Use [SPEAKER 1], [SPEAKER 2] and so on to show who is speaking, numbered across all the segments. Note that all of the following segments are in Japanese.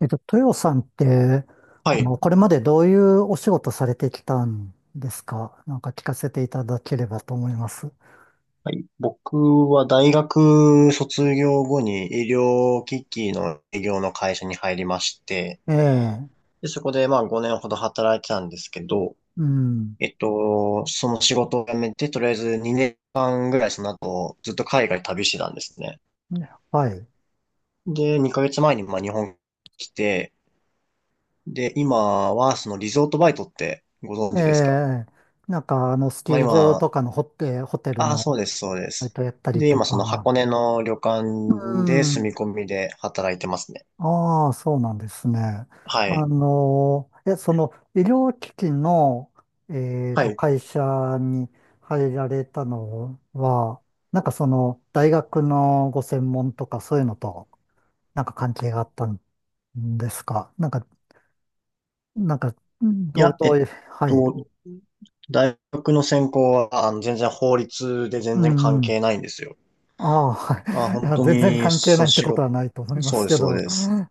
[SPEAKER 1] 豊さんって、
[SPEAKER 2] はい。
[SPEAKER 1] これまでどういうお仕事されてきたんですか？なんか聞かせていただければと思います。
[SPEAKER 2] はい、僕は大学卒業後に医療機器の営業の会社に入りまして、
[SPEAKER 1] ええ。
[SPEAKER 2] で、そこでまあ5年ほど働いてたんですけど、
[SPEAKER 1] うん。
[SPEAKER 2] その仕事を辞めて、とりあえず2年間ぐらいその後ずっと海外旅してたんですね。
[SPEAKER 1] はい。
[SPEAKER 2] で、2ヶ月前にまあ日本に来て、で、今はそのリゾートバイトってご存
[SPEAKER 1] え
[SPEAKER 2] 知ですか？
[SPEAKER 1] え、なんか、あの、スキ
[SPEAKER 2] まあ
[SPEAKER 1] ー場と
[SPEAKER 2] 今、
[SPEAKER 1] かのホテ、ホテル
[SPEAKER 2] ああ、
[SPEAKER 1] の
[SPEAKER 2] そうです、そうで
[SPEAKER 1] バイ
[SPEAKER 2] す。
[SPEAKER 1] トやったり
[SPEAKER 2] で、
[SPEAKER 1] と
[SPEAKER 2] 今その
[SPEAKER 1] か。
[SPEAKER 2] 箱根の旅館
[SPEAKER 1] う
[SPEAKER 2] で
[SPEAKER 1] ん。
[SPEAKER 2] 住み込みで働いてますね。
[SPEAKER 1] ああ、そうなんですね。
[SPEAKER 2] は
[SPEAKER 1] あ
[SPEAKER 2] い。
[SPEAKER 1] の、え、その医療機器の、
[SPEAKER 2] はい。
[SPEAKER 1] 会社に入られたのは、なんかその大学のご専門とかそういうのとなんか関係があったんですか？なんか、なんか、
[SPEAKER 2] いや、え
[SPEAKER 1] どう
[SPEAKER 2] っ
[SPEAKER 1] いう、はい。
[SPEAKER 2] と、大学の専攻は、全然法律で
[SPEAKER 1] う
[SPEAKER 2] 全然関
[SPEAKER 1] ん。
[SPEAKER 2] 係ないんですよ。
[SPEAKER 1] ああ、は
[SPEAKER 2] まあ、
[SPEAKER 1] い。い
[SPEAKER 2] 本
[SPEAKER 1] や、
[SPEAKER 2] 当
[SPEAKER 1] 全然
[SPEAKER 2] に、
[SPEAKER 1] 関係
[SPEAKER 2] そ
[SPEAKER 1] な
[SPEAKER 2] う、
[SPEAKER 1] いって
[SPEAKER 2] 仕
[SPEAKER 1] こと
[SPEAKER 2] 事、
[SPEAKER 1] はないと思いま
[SPEAKER 2] そう
[SPEAKER 1] す
[SPEAKER 2] で
[SPEAKER 1] け
[SPEAKER 2] す、そう
[SPEAKER 1] ど。
[SPEAKER 2] です。
[SPEAKER 1] は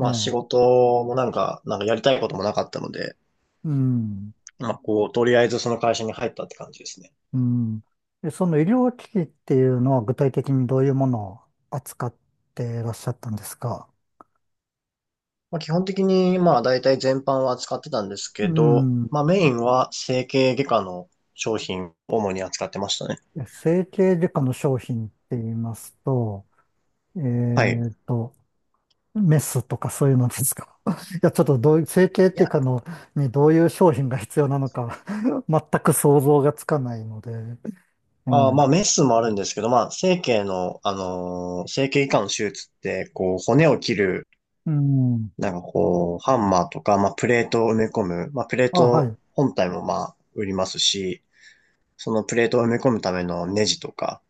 [SPEAKER 1] い。え
[SPEAKER 2] あ、仕
[SPEAKER 1] え。
[SPEAKER 2] 事もなんか、なんかやりたいこともなかったので、
[SPEAKER 1] うん。
[SPEAKER 2] まあ、こう、とりあえずその会社に入ったって感じですね。
[SPEAKER 1] うん。で、その医療機器っていうのは具体的にどういうものを扱っていらっしゃったんですか？
[SPEAKER 2] まあ、基本的に、まあ、大体全般は扱ってたんです
[SPEAKER 1] う
[SPEAKER 2] けど、
[SPEAKER 1] ん。
[SPEAKER 2] まあ、メインは整形外科の商品を主に扱ってましたね。
[SPEAKER 1] え、整形外科の商品って言いますと、え
[SPEAKER 2] はい。
[SPEAKER 1] っと、メスとかそういうのですか？ いや、ちょっとどういう、整形っ
[SPEAKER 2] い
[SPEAKER 1] ていう
[SPEAKER 2] や
[SPEAKER 1] かの、にどういう商品が必要なのか、 全く想像がつかないので。う
[SPEAKER 2] まあ、
[SPEAKER 1] ん。
[SPEAKER 2] メスもあるんですけど、まあ、整形の、整形外科の手術って、こう、骨を切る、
[SPEAKER 1] うん。
[SPEAKER 2] なんかこう、ハンマーとか、まあ、プレートを埋め込む、まあ、プレー
[SPEAKER 1] あ、は
[SPEAKER 2] ト
[SPEAKER 1] い。
[SPEAKER 2] 本体もまあ、売りますし、そのプレートを埋め込むためのネジとか、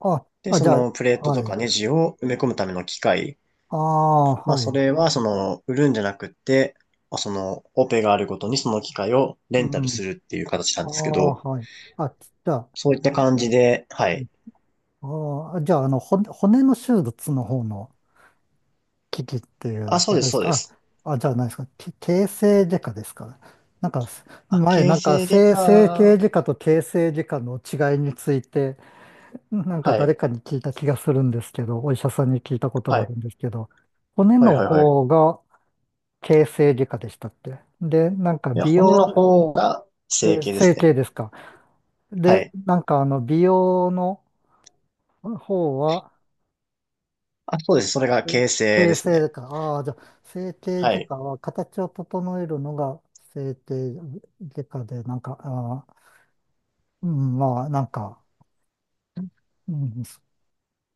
[SPEAKER 1] あ、
[SPEAKER 2] で、
[SPEAKER 1] あ、じ
[SPEAKER 2] そ
[SPEAKER 1] ゃ
[SPEAKER 2] のプレー
[SPEAKER 1] あ、
[SPEAKER 2] トと
[SPEAKER 1] はい。
[SPEAKER 2] かネジを埋め込むための機械、
[SPEAKER 1] ああ、
[SPEAKER 2] まあ、
[SPEAKER 1] は
[SPEAKER 2] そ
[SPEAKER 1] い。
[SPEAKER 2] れは、その、売るんじゃなくって、まあ、その、オペがあるごとにその機械をレ
[SPEAKER 1] う
[SPEAKER 2] ンタル
[SPEAKER 1] ん。
[SPEAKER 2] するっていう形な
[SPEAKER 1] あ
[SPEAKER 2] んですけ
[SPEAKER 1] あ、
[SPEAKER 2] ど、
[SPEAKER 1] はい。あ、じゃあ、
[SPEAKER 2] そういった感じで、はい。
[SPEAKER 1] ああ、じゃあ、あの、骨の手術の方の機器っていう
[SPEAKER 2] あ、そ
[SPEAKER 1] こ
[SPEAKER 2] うで
[SPEAKER 1] と
[SPEAKER 2] す、
[SPEAKER 1] です
[SPEAKER 2] そうで
[SPEAKER 1] か？
[SPEAKER 2] す。
[SPEAKER 1] あ、あ、じゃあ何ですかけ、形成外科ですか？なんか、
[SPEAKER 2] あ、
[SPEAKER 1] 前、
[SPEAKER 2] 形
[SPEAKER 1] なんか、
[SPEAKER 2] 成外
[SPEAKER 1] 整形
[SPEAKER 2] 科
[SPEAKER 1] 外科と形成外科の違いについて、なんか
[SPEAKER 2] はい。
[SPEAKER 1] 誰かに聞いた気がするんですけど、お医者さんに聞いたこと
[SPEAKER 2] は
[SPEAKER 1] があ
[SPEAKER 2] い。
[SPEAKER 1] るんですけど、骨
[SPEAKER 2] はい
[SPEAKER 1] の
[SPEAKER 2] はいはい。
[SPEAKER 1] 方が形成外科でしたっけ？で、なんか、
[SPEAKER 2] いや、
[SPEAKER 1] 美
[SPEAKER 2] 骨の
[SPEAKER 1] 容、
[SPEAKER 2] 方が
[SPEAKER 1] え
[SPEAKER 2] 整
[SPEAKER 1] ー、
[SPEAKER 2] 形です
[SPEAKER 1] 整
[SPEAKER 2] ね。
[SPEAKER 1] 形ですか？
[SPEAKER 2] は
[SPEAKER 1] で、
[SPEAKER 2] い。
[SPEAKER 1] なんか、あの、美容の方は、
[SPEAKER 2] あ、そうです。それが形成
[SPEAKER 1] 形
[SPEAKER 2] です
[SPEAKER 1] 成
[SPEAKER 2] ね。
[SPEAKER 1] でか。ああ、じゃあ、整形
[SPEAKER 2] は
[SPEAKER 1] 外
[SPEAKER 2] い。
[SPEAKER 1] 科は形を整えるのが整形外科で、なんか、ああ、うん、まあ、なんか、うん、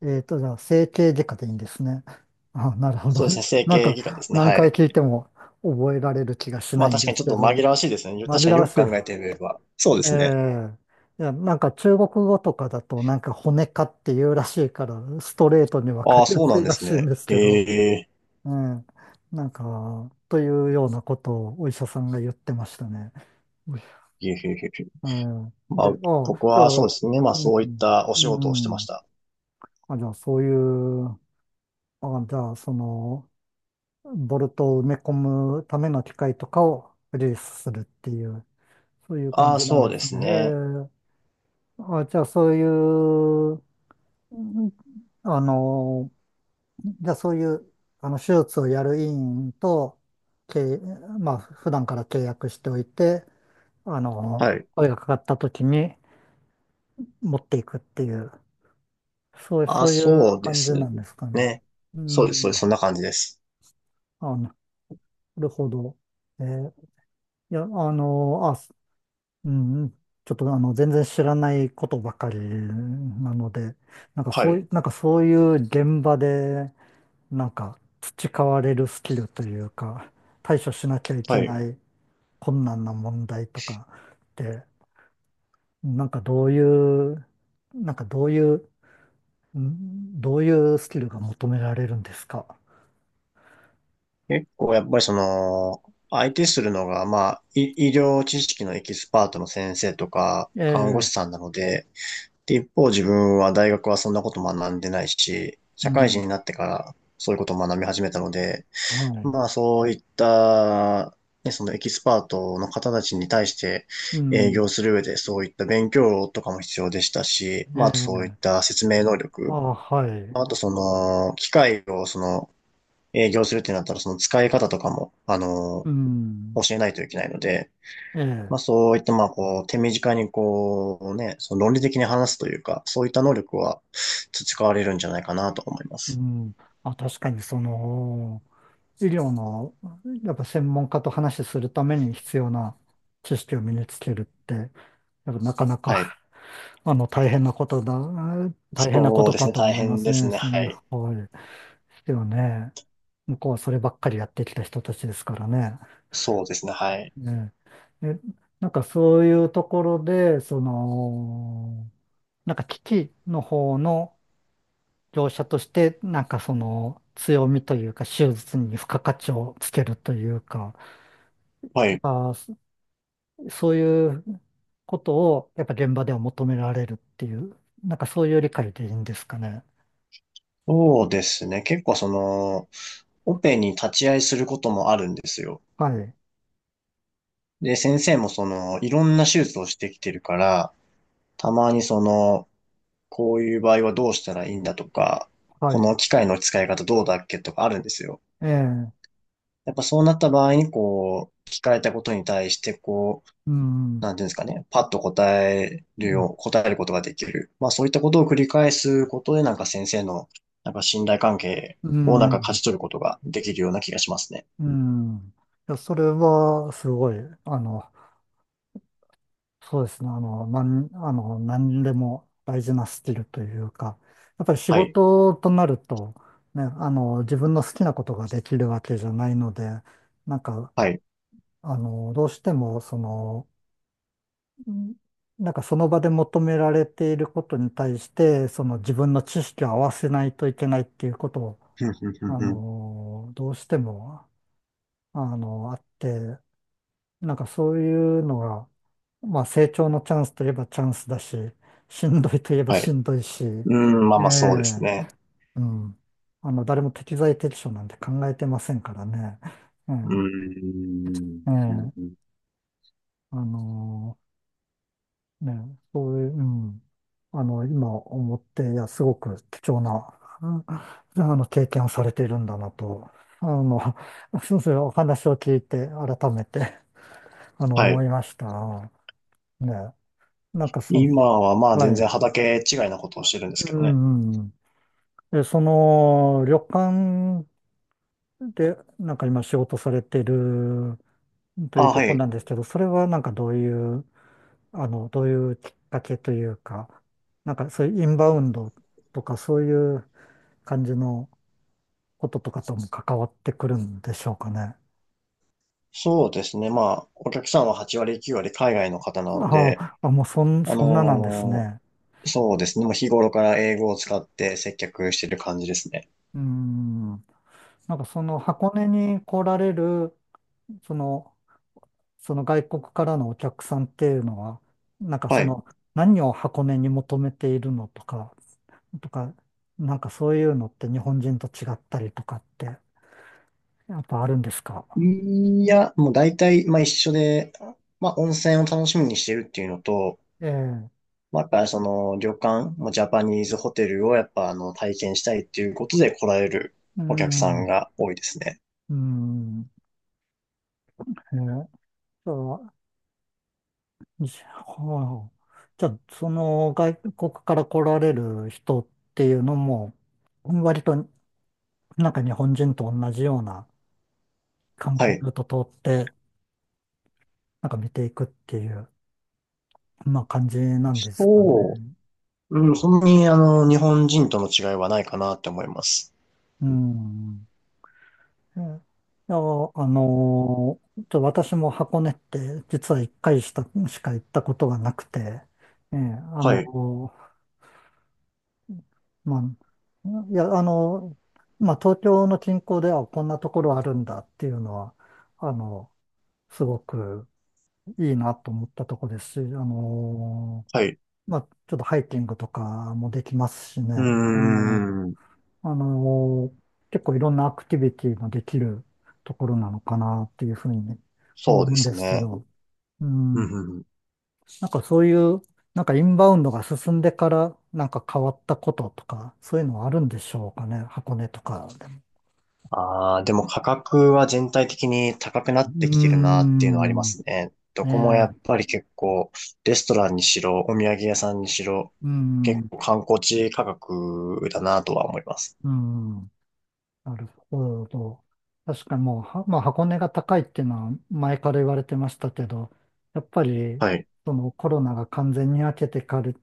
[SPEAKER 1] じゃあ、整形外科でいいんですね。ああ、なるほど。
[SPEAKER 2] そうですね。整
[SPEAKER 1] なん
[SPEAKER 2] 形外科で
[SPEAKER 1] か、
[SPEAKER 2] すね。
[SPEAKER 1] 何
[SPEAKER 2] は
[SPEAKER 1] 回
[SPEAKER 2] い。
[SPEAKER 1] 聞いても覚えられる気がし
[SPEAKER 2] ま
[SPEAKER 1] な
[SPEAKER 2] あ
[SPEAKER 1] いん
[SPEAKER 2] 確か
[SPEAKER 1] で
[SPEAKER 2] に
[SPEAKER 1] す
[SPEAKER 2] ちょっ
[SPEAKER 1] け
[SPEAKER 2] と
[SPEAKER 1] ど、
[SPEAKER 2] 紛らわしいですね。確
[SPEAKER 1] 紛
[SPEAKER 2] かに
[SPEAKER 1] ら
[SPEAKER 2] よ
[SPEAKER 1] わ
[SPEAKER 2] く
[SPEAKER 1] しい。
[SPEAKER 2] 考えてみれば。そうで
[SPEAKER 1] え
[SPEAKER 2] すね。
[SPEAKER 1] え、いや、なんか中国語とかだと、なんか骨科っていうらしいから、ストレートにわか
[SPEAKER 2] ああ、
[SPEAKER 1] りや
[SPEAKER 2] そう
[SPEAKER 1] す
[SPEAKER 2] なん
[SPEAKER 1] い
[SPEAKER 2] で
[SPEAKER 1] ら
[SPEAKER 2] す
[SPEAKER 1] しいん
[SPEAKER 2] ね。
[SPEAKER 1] ですけど、
[SPEAKER 2] へえ。
[SPEAKER 1] うん。なんか、というようなことをお医者さんが言ってましたね。うい
[SPEAKER 2] へえへえへえ。
[SPEAKER 1] うん。
[SPEAKER 2] ま
[SPEAKER 1] で、
[SPEAKER 2] あ、僕
[SPEAKER 1] あ、じゃあ、
[SPEAKER 2] はそうですね。まあ
[SPEAKER 1] う
[SPEAKER 2] そういっ
[SPEAKER 1] ん、
[SPEAKER 2] たお
[SPEAKER 1] う
[SPEAKER 2] 仕事をしてまし
[SPEAKER 1] ん。
[SPEAKER 2] た。
[SPEAKER 1] あ、じゃあ、そういう、あ、じゃあ、その、ボルトを埋め込むための機械とかをリリースするっていう、そういう感
[SPEAKER 2] ああ、
[SPEAKER 1] じなん
[SPEAKER 2] そう
[SPEAKER 1] で
[SPEAKER 2] で
[SPEAKER 1] す
[SPEAKER 2] す
[SPEAKER 1] ね。へ
[SPEAKER 2] ね。
[SPEAKER 1] え。あ、じゃあ、そういう、うん、あの、じゃあそういう、あの、手術をやる医院と、け、まあ、普段から契約しておいて、あ
[SPEAKER 2] は
[SPEAKER 1] の、
[SPEAKER 2] い。
[SPEAKER 1] 声がかかった時に持っていくっていう、
[SPEAKER 2] ああ、
[SPEAKER 1] そういう
[SPEAKER 2] そうで
[SPEAKER 1] 感じ
[SPEAKER 2] す
[SPEAKER 1] なんですかね。
[SPEAKER 2] ね。
[SPEAKER 1] う
[SPEAKER 2] そうです。そうです。
[SPEAKER 1] ん。
[SPEAKER 2] そんな感じです。
[SPEAKER 1] あ、なるほど。えー、いや、あの、あ、す、うん、ちょっとあの、全然知らないことばかりなので、なんか
[SPEAKER 2] は
[SPEAKER 1] そうい
[SPEAKER 2] い。
[SPEAKER 1] う、なんかそういう現場で、なんか培われるスキルというか、対処しなきゃいけ
[SPEAKER 2] はい。
[SPEAKER 1] ない困難な問題とかって、なんかどういう、なんかどういう、ん、どういうスキルが求められるんですか？
[SPEAKER 2] 結構やっぱりその、相手するのが、まあ、医療知識のエキスパートの先生とか、
[SPEAKER 1] え
[SPEAKER 2] 看護師
[SPEAKER 1] え、
[SPEAKER 2] さんなので、で、一方自分は大学はそんなこと学んでないし、
[SPEAKER 1] う
[SPEAKER 2] 社会人
[SPEAKER 1] ん、
[SPEAKER 2] になってからそういうことを学び始めたので、
[SPEAKER 1] はい、
[SPEAKER 2] まあそういった、ね、そのエキスパートの方たちに対して
[SPEAKER 1] う
[SPEAKER 2] 営業
[SPEAKER 1] ん、
[SPEAKER 2] する上でそういった勉強とかも必要でしたし、まあ
[SPEAKER 1] え
[SPEAKER 2] あとそ
[SPEAKER 1] え、
[SPEAKER 2] ういった説明能
[SPEAKER 1] あ、
[SPEAKER 2] 力、
[SPEAKER 1] はい、
[SPEAKER 2] まああとその機械をその営業するってなったら、その使い方とかも、
[SPEAKER 1] うん、
[SPEAKER 2] 教えないといけないので、
[SPEAKER 1] え
[SPEAKER 2] まあ
[SPEAKER 1] え、
[SPEAKER 2] そういった、まあこう、手短にこうね、その論理的に話すというか、そういった能力は培われるんじゃないかなと思いま
[SPEAKER 1] う
[SPEAKER 2] す。
[SPEAKER 1] ん、あ、確かにその、医療の、やっぱ専門家と話しするために必要な知識を身につけるって、やっぱなかな
[SPEAKER 2] は
[SPEAKER 1] か、
[SPEAKER 2] い。
[SPEAKER 1] あの、大変なこ
[SPEAKER 2] そう
[SPEAKER 1] と
[SPEAKER 2] です
[SPEAKER 1] か
[SPEAKER 2] ね、
[SPEAKER 1] と
[SPEAKER 2] 大
[SPEAKER 1] 思いま
[SPEAKER 2] 変
[SPEAKER 1] す
[SPEAKER 2] です
[SPEAKER 1] ね。
[SPEAKER 2] ね、
[SPEAKER 1] そ
[SPEAKER 2] は
[SPEAKER 1] ん
[SPEAKER 2] い。
[SPEAKER 1] な、はい。でもね、向こうはそればっかりやってきた人たちですからね。
[SPEAKER 2] そうですね、はい。
[SPEAKER 1] ね。で、なんかそういうところで、その、なんか機器の方の業者として、なんかその強みというか、手術に付加価値をつけるというか、
[SPEAKER 2] は
[SPEAKER 1] やっ
[SPEAKER 2] い。
[SPEAKER 1] ぱそそういうことをやっぱ現場では求められるっていう、なんかそういう理解でいいんですかね。
[SPEAKER 2] そうですね、結構その、オペに立ち会いすることもあるんですよ。
[SPEAKER 1] はい。
[SPEAKER 2] で、先生もその、いろんな手術をしてきてるから、たまにその、こういう場合はどうしたらいいんだとか、
[SPEAKER 1] は
[SPEAKER 2] この
[SPEAKER 1] い。
[SPEAKER 2] 機械の使い方どうだっけとかあるんですよ。
[SPEAKER 1] ええ、
[SPEAKER 2] やっぱそうなった場合に、こう、聞かれたことに対して、こう、
[SPEAKER 1] うん、うん、
[SPEAKER 2] なんていうんですかね、パッと答えるよう、答えることができる。まあそういったことを繰り返すことで、なんか先生の、なんか信頼関係
[SPEAKER 1] う
[SPEAKER 2] をなんか勝
[SPEAKER 1] ん、
[SPEAKER 2] ち取ることができるような気がしますね。
[SPEAKER 1] うん。いや、それは、すごい、あの、そうですね、あの、あの、何でも大事なスキルというか、やっぱり仕
[SPEAKER 2] はい。
[SPEAKER 1] 事となると、ね、あの、自分の好きなことができるわけじゃないので、なんか、
[SPEAKER 2] はい。
[SPEAKER 1] あの、どうしても、その、うん、なんかその場で求められていることに対して、その自分の知識を合わせないといけないっていうことを、
[SPEAKER 2] ふんふんふん
[SPEAKER 1] あ
[SPEAKER 2] ふん
[SPEAKER 1] の、どうしても、あの、あって、なんかそういうのが、まあ成長のチャンスといえばチャンスだし、しんどいといえば
[SPEAKER 2] は
[SPEAKER 1] し
[SPEAKER 2] い。
[SPEAKER 1] んどいし、
[SPEAKER 2] うーん、まあ
[SPEAKER 1] え
[SPEAKER 2] まあそうです
[SPEAKER 1] え、
[SPEAKER 2] ね。
[SPEAKER 1] うん。あの、誰も適材適所なんて考えてませんからね。う
[SPEAKER 2] うー
[SPEAKER 1] ん、
[SPEAKER 2] ん。
[SPEAKER 1] え
[SPEAKER 2] うん
[SPEAKER 1] え、
[SPEAKER 2] うん
[SPEAKER 1] あの、ね、そういう、うん。あの、今思って、いや、すごく貴重な、うん、あの、経験をされているんだなと、あの、そうそう、お話を聞いて、改めて。あの、
[SPEAKER 2] は
[SPEAKER 1] 思
[SPEAKER 2] い。
[SPEAKER 1] いました。ね。なんかそ、
[SPEAKER 2] 今はまあ
[SPEAKER 1] は
[SPEAKER 2] 全然
[SPEAKER 1] い。
[SPEAKER 2] 畑違いなことをしてるんです
[SPEAKER 1] う
[SPEAKER 2] けどね。
[SPEAKER 1] んうん。で、その、旅館で、なんか今仕事されてるとい
[SPEAKER 2] あ、
[SPEAKER 1] うと
[SPEAKER 2] は
[SPEAKER 1] ころな
[SPEAKER 2] い。
[SPEAKER 1] んですけど、それはなんかどういう、あの、どういうきっかけというか、なんかそういうインバウンドとかそういう感じのこととかとも関わってくるんでしょうかね。
[SPEAKER 2] そうですね。まあ、お客さんは8割9割海外の方なので、
[SPEAKER 1] ああ、もう
[SPEAKER 2] あ
[SPEAKER 1] そんななんです
[SPEAKER 2] の
[SPEAKER 1] ね。
[SPEAKER 2] ーそうですね。もう日頃から英語を使って接客してる感じですね。
[SPEAKER 1] うん。なんかその箱根に来られる、その、その外国からのお客さんっていうのは、なんか
[SPEAKER 2] は
[SPEAKER 1] そ
[SPEAKER 2] い。
[SPEAKER 1] の何を箱根に求めているのとか、とか、なんかそういうのって日本人と違ったりとかってやっぱあるんですか？
[SPEAKER 2] いや、もう大体、まあ一緒で、まあ温泉を楽しみにしてるっていうのと、
[SPEAKER 1] ええ、
[SPEAKER 2] まあやっぱりその旅館、もうジャパニーズホテルをやっぱあの体験したいっていうことで来られる
[SPEAKER 1] う
[SPEAKER 2] お客さん
[SPEAKER 1] ん、
[SPEAKER 2] が多いですね。
[SPEAKER 1] うん、ええ、そう、じゃあ、はあ、じゃあその外国から来られる人っていうのも、割となんか日本人と同じような観
[SPEAKER 2] は
[SPEAKER 1] 光
[SPEAKER 2] い。
[SPEAKER 1] ルート通って、なんか見ていくっていう。まあ感じなんですかね。
[SPEAKER 2] そううん、そんなに、あの、日本人との違いはないかなって思います。
[SPEAKER 1] うん、え、いや、あのー、ちょ、私も箱根って実は一回したしか行ったことがなくて、ええ、あ
[SPEAKER 2] はい、
[SPEAKER 1] のー、まあ、いや、あのー、まあ東京の近郊ではこんなところあるんだっていうのは、あの、すごくいいなと思ったところですし、あの
[SPEAKER 2] はい。
[SPEAKER 1] ー、まあ、ちょっとハイキングとかもできますし
[SPEAKER 2] うー
[SPEAKER 1] ね、あの、
[SPEAKER 2] ん、
[SPEAKER 1] あのー、結構いろんなアクティビティができるところなのかなっていうふうに思
[SPEAKER 2] そうで
[SPEAKER 1] うんで
[SPEAKER 2] す
[SPEAKER 1] すけ
[SPEAKER 2] ね。
[SPEAKER 1] ど、う
[SPEAKER 2] うん、
[SPEAKER 1] ん、
[SPEAKER 2] うんうん。
[SPEAKER 1] なんかそういう、なんかインバウンドが進んでから、なんか変わったこととか、そういうのはあるんでしょうかね、箱根とかでも。
[SPEAKER 2] ああ、でも価格は全体的に高くな
[SPEAKER 1] う
[SPEAKER 2] っ
[SPEAKER 1] ー
[SPEAKER 2] てきてるなっていうのはありま
[SPEAKER 1] ん、ね
[SPEAKER 2] すね。どこもや
[SPEAKER 1] え、
[SPEAKER 2] っぱり結構、レストランにしろ、お土産屋さんにしろ、
[SPEAKER 1] う
[SPEAKER 2] 結
[SPEAKER 1] ん、
[SPEAKER 2] 構観光地価格だなとは思います。
[SPEAKER 1] うん。なるほど。確かにもう、はまあ、箱根が高いっていうのは前から言われてましたけど、やっぱり
[SPEAKER 2] はい。
[SPEAKER 1] そのコロナが完全に明けてかる、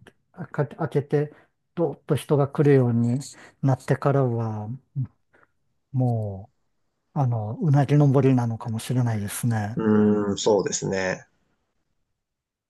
[SPEAKER 1] か明けて、どーっと人が来るようになってからは、もう、あの、うなぎ登りなのかもしれないですね。
[SPEAKER 2] うーん、そうですね。